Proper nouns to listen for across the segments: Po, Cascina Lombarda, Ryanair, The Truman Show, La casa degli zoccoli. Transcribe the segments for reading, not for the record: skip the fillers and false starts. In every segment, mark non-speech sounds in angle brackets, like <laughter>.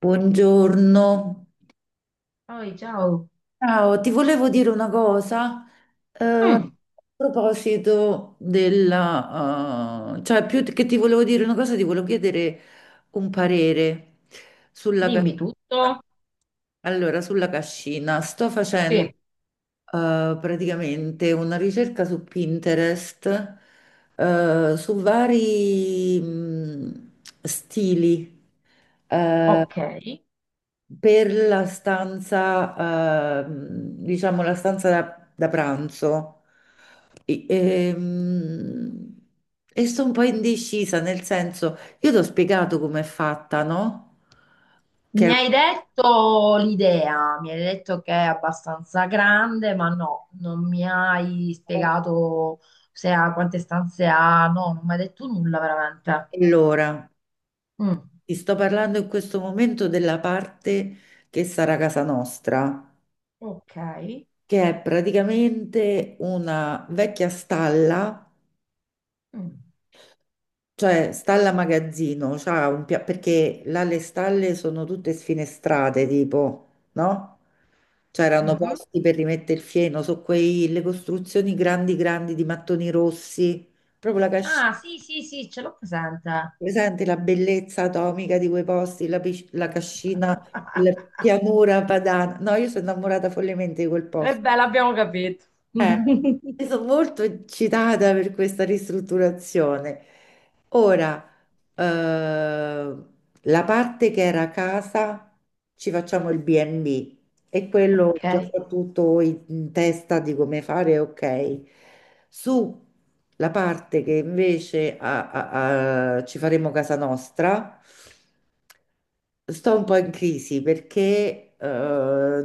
Buongiorno. Poi, ciao. Ciao, ti volevo dire una cosa, a Mm, proposito della, cioè più che ti volevo dire una cosa, ti volevo chiedere un parere sulla dimmi cascina. tutto. Allora, sulla cascina, sto facendo Sì, praticamente una ricerca su Pinterest, su vari stili. eh, ok. per la stanza, diciamo la stanza da pranzo. E, ehm, e sto un po' indecisa, nel senso, io ti ho spiegato com'è fatta, no? Che è Mi hai un detto l'idea, mi hai detto che è abbastanza grande, ma no, non mi hai po' spiegato se ha quante stanze ha, no, non mi hai detto nulla veramente. Allora, Mm, ti sto parlando in questo momento della parte che sarà casa nostra, ok. che è praticamente una vecchia stalla. Mm, Cioè, stalla magazzino, perché là le stalle sono tutte sfinestrate, tipo, no? C'erano mhm. posti per rimettere il fieno, so quei, le costruzioni grandi grandi di mattoni rossi, proprio la cascina, Ah, sì, sì, sì, ce l'ho presente. presente la bellezza atomica di quei posti, la cascina, <laughs> la pianura padana. No, io sono innamorata follemente di quel E posto. beh, l'abbiamo capito. Eh, <laughs> io sono molto eccitata per questa ristrutturazione. Ora, eh, la parte che era casa, ci facciamo il B&B, e quello Ok. già tutto in testa di come fare, ok. Su la parte che invece ci faremo casa nostra, sto un po' in crisi perché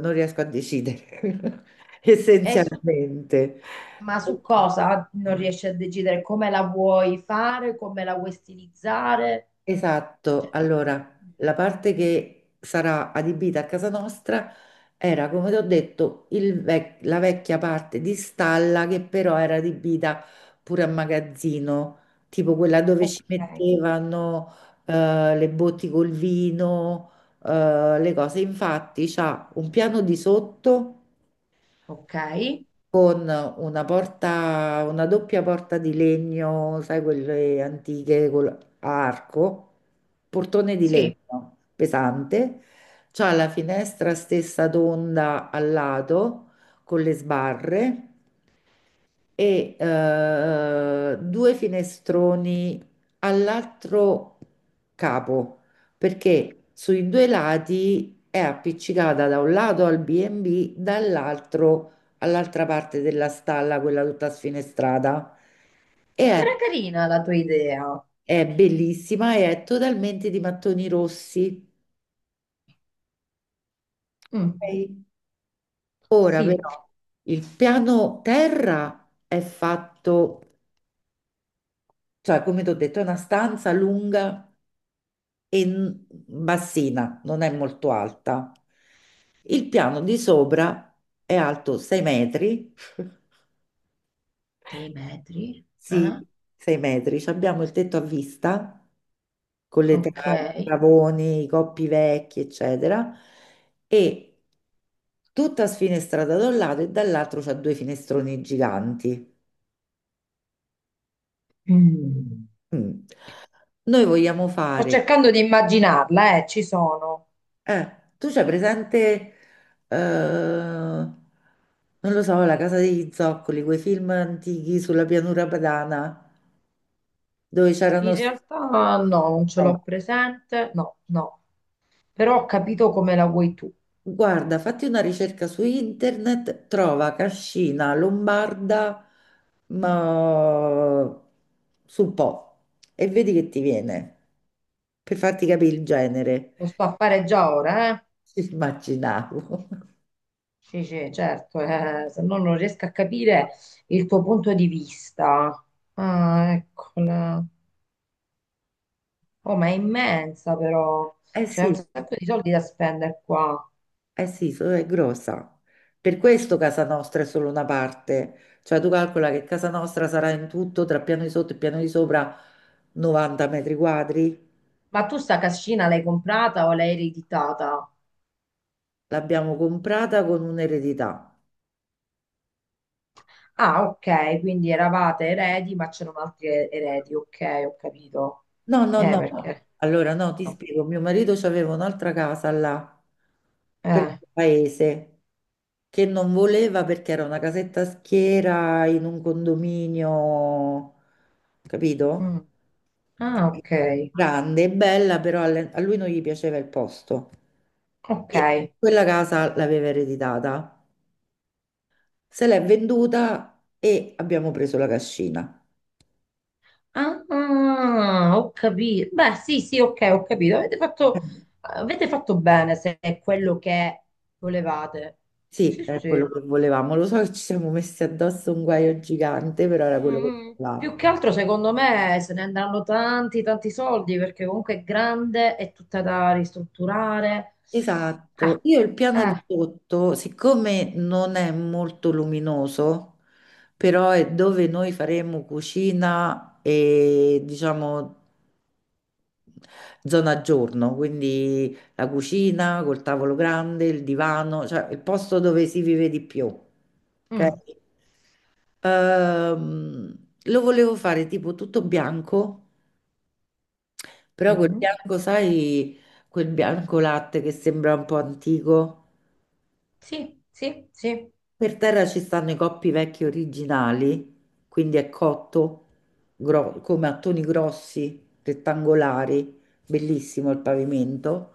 non riesco a decidere <laughs> E su essenzialmente. Ma su cosa non riesci a decidere? Come la vuoi fare? Come la vuoi stilizzare? Esatto, Cioè, allora la parte che sarà adibita a casa nostra era, come ti ho detto, la vecchia parte di stalla che però era adibita pure a magazzino, tipo quella dove ci ok, mettevano le botti col vino, le cose. Infatti c'ha un piano di sotto ok. con una porta, una doppia porta di legno, sai, a arco, portone di Sì, legno pesante, c'ha la finestra stessa tonda al lato con le sbarre e due finestroni all'altro capo, perché sui due lati è appiccicata da un lato al B&B, dall'altro all'altra parte della stalla, quella tutta sfinestrata. E è, sembra carina la tua idea. è bellissima e è totalmente di mattoni rossi. Mm, Ok? Ora sì, però il piano terra è fatto, cioè come ti ho detto, è una stanza lunga e bassina, non è molto alta. Il piano di sopra è alto 6 metri, <laughs> sei metri. sì, Eh? 6 metri. Ci abbiamo il tetto a vista con le Ok. travi, i travoni, i coppi vecchi, eccetera, e tutta sfinestrata da un lato e dall'altro c'ha due finestroni giganti. Mm. Mm. Noi vogliamo Sto fare. cercando di immaginarla, ci sono. Eh, Tu c'hai presente, non lo so, La casa degli zoccoli, quei film antichi sulla pianura padana, dove In c'erano, realtà no, non ce no. l'ho presente. No, no. Però ho capito come la vuoi tu. Guarda, fatti una ricerca su internet, trova Cascina Lombarda, ma sul Po, e vedi che ti viene, per farti capire il genere. Lo sto a fare già ora, eh. Ci immaginavo. <laughs> Sì, sì, certo, se no non riesco a capire il tuo punto di vista. Ah, ecco, oh, ma è immensa però, Eh c'è un sì. sacco di soldi da spendere qua. Eh sì, è grossa. Per questo Casa Nostra è solo una parte. Cioè tu calcola che Casa Nostra sarà in tutto tra piano di sotto e piano di sopra 90 metri quadri. Ma tu sta cascina l'hai comprata o l'hai ereditata? L'abbiamo comprata con un'eredità. Ah, ok, quindi eravate eredi, ma c'erano altri eredi, ok, ho capito. No, no, no, no. Perché? Allora no, ti No. spiego. Mio marito aveva un'altra casa là, per Eh, il paese, che non voleva perché era una casetta a schiera in un condominio, capito? mm. Ah, ok, Grande e bella, però a lui non gli piaceva il posto. ok. E quella casa l'aveva ereditata, se l'è venduta e abbiamo preso la cascina. Ah, ah, ho capito. Beh, sì, sì, ok, ho capito. Eh, Avete fatto bene se è quello che volevate. Sì, Sì, è quello sì. che volevamo. Lo so che ci siamo messi addosso un guaio gigante, però era quello che Mm, più volevamo. che altro, secondo me, se ne andranno tanti, tanti soldi perché comunque è grande, è tutta da ristrutturare. Ah, Esatto, io il piano di eh, sotto, siccome non è molto luminoso, però è dove noi faremo cucina e diciamo zona giorno, quindi la cucina col tavolo grande, il divano, cioè il posto dove si vive di più. Ok? mm, Ehm, Lo volevo fare tipo tutto bianco, però quel mm. bianco, sai, quel bianco latte che sembra un po' antico. Sì, sì, sì. Per terra ci stanno i coppi vecchi originali, quindi è cotto come a toni grossi, rettangolari, bellissimo il pavimento.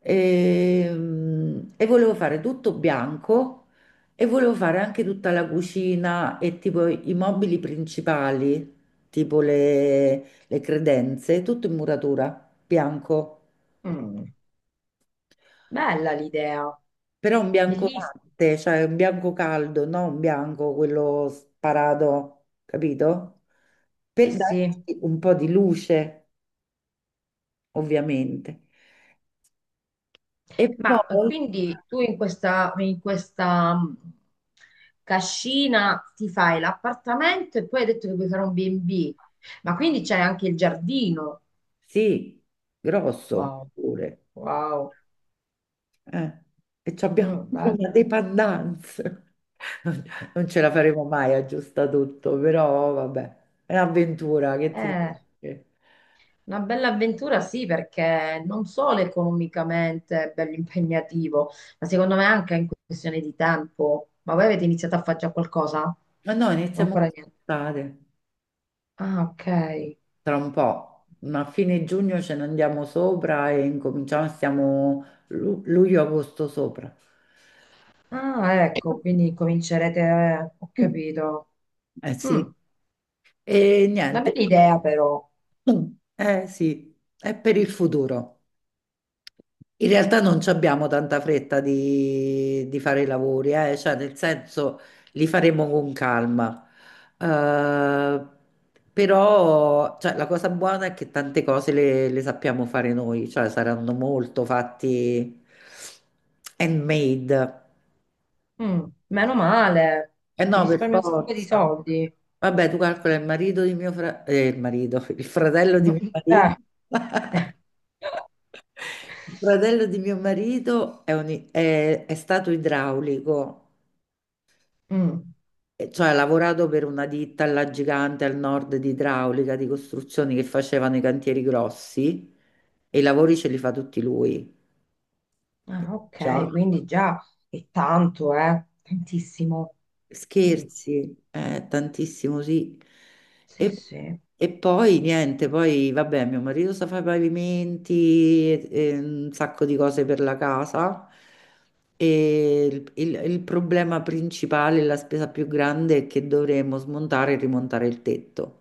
E, volevo fare tutto bianco e volevo fare anche tutta la cucina e tipo i mobili principali, tipo le credenze, tutto in muratura, bianco. Mm. Bella l'idea, Però un bianco bellissima. latte, cioè un bianco caldo, non un bianco quello sparato, capito? Sì, Per sì. darci un po' di luce, ovviamente. E Ma poi, quindi tu in in questa cascina ti fai l'appartamento e poi hai detto che vuoi fare un B&B, ma quindi c'è anche il giardino. sì, grosso Wow, pure. wow. Eh. E ci abbiamo <laughs> Mm, pure bello. una dependenza. Non non ce la faremo mai a aggiusta tutto, però vabbè, è un'avventura che ti devo Eh, dire. una bella avventura sì, perché non solo economicamente è bello impegnativo, ma secondo me anche in questione di tempo. Ma voi avete iniziato a fare già qualcosa? Ma no, iniziamo Ancora niente. quest'estate. Ah, ok. Tra un po', ma a fine giugno ce ne andiamo sopra e incominciamo, stiamo luglio-agosto sopra. Ah, ecco, quindi comincerete, ho Mm. capito. Eh Mm, sì, e una niente, bella idea però. eh sì, è per il futuro. In realtà non ci abbiamo tanta fretta di fare i lavori, cioè, nel senso li faremo con calma. Eh, Però cioè, la cosa buona è che tante cose le sappiamo fare noi, cioè saranno molto fatti handmade. Mm, meno male, Eh ti no, per risparmi un sacco di forza. soldi. Vabbè, tu calcola il marito di mio fratello, il marito, <laughs> il fratello di mio <laughs> marito. <laughs> Eh. Il fratello di mio marito è stato idraulico, Mm. e cioè ha lavorato per una ditta alla gigante al nord di idraulica, di costruzioni che facevano i cantieri grossi e i lavori ce li fa tutti lui. Ah, ok, Già. quindi già è tanto, eh? Tantissimo. Mm. Scherzi, tantissimo, sì. Sì, E, sì. e, poi niente, poi vabbè, mio marito sa fare i pavimenti e un sacco di cose per la casa. E il problema principale, la spesa più grande è che dovremmo smontare e rimontare il tetto.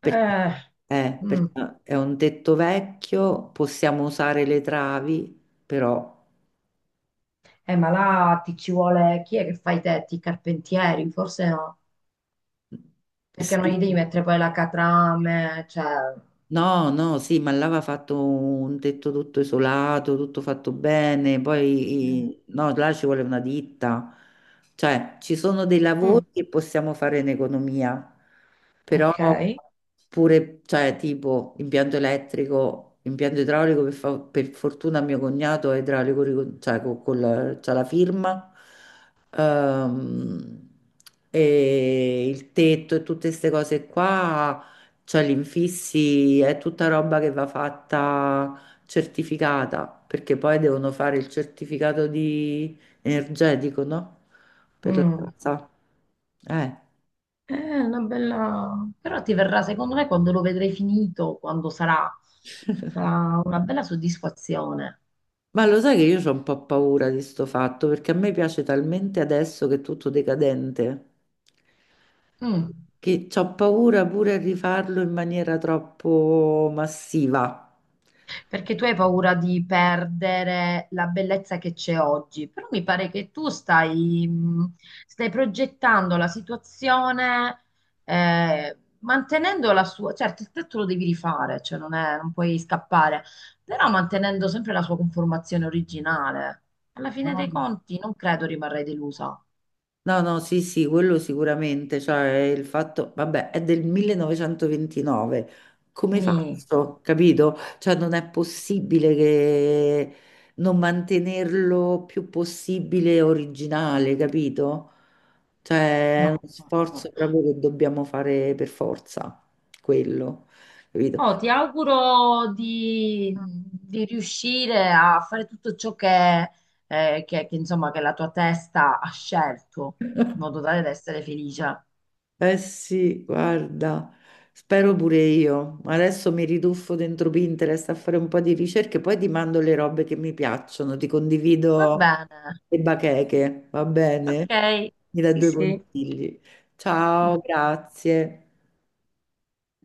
Perché, Eh, eh, mm. perché è un tetto vecchio, possiamo usare le travi, però Ma là ti ci vuole chi è che fa i tetti? I carpentieri? Forse no, perché non sì. gli devi mettere poi la catrame, cioè... No, no, sì, ma là aveva fatto un tetto tutto isolato, tutto fatto bene, poi Eh, no, là ci vuole una ditta, cioè ci sono dei mm, lavori che possiamo fare in economia, però ok. pure, cioè tipo impianto elettrico, impianto idraulico, per fortuna mio cognato è idraulico, cioè c'ha la firma, ehm, e il tetto e tutte queste cose qua cioè gli infissi è tutta roba che va fatta certificata, perché poi devono fare il certificato di energetico, no? Per la Mm. casa. Eh. È una bella... Però ti verrà, secondo me, quando lo vedrai finito, quando sarà, sarà una bella soddisfazione. Ma lo sai che io ho un po' paura di sto fatto, perché a me piace talmente adesso che è tutto decadente, Mm. che ho paura pure a rifarlo in maniera troppo massiva. Perché tu hai paura di perdere la bellezza che c'è oggi, però mi pare che tu stai, stai progettando la situazione, mantenendo la sua, certo, il tetto lo devi rifare, cioè non puoi scappare, però mantenendo sempre la sua conformazione originale. Alla fine No? dei conti non credo rimarrai delusa. No, no, sì, sì, quello sicuramente, cioè il fatto, vabbè, è del 1929, come Mi, faccio, capito? Cioè non è possibile che non mantenerlo più possibile originale, capito? Cioè è no, uno no, no. sforzo proprio che dobbiamo fare per forza, quello, capito? Oh, ti auguro di riuscire a fare tutto ciò che, insomma, che la tua testa ha scelto, in modo tale da essere felice. Eh sì, guarda, spero pure io. Adesso mi riduffo dentro Pinterest a fare un po' di ricerche, poi ti mando le robe che mi piacciono, ti Va condivido bene, le bacheche, va bene? ok, Mi dai sì, due sì. consigli. Ciao, grazie.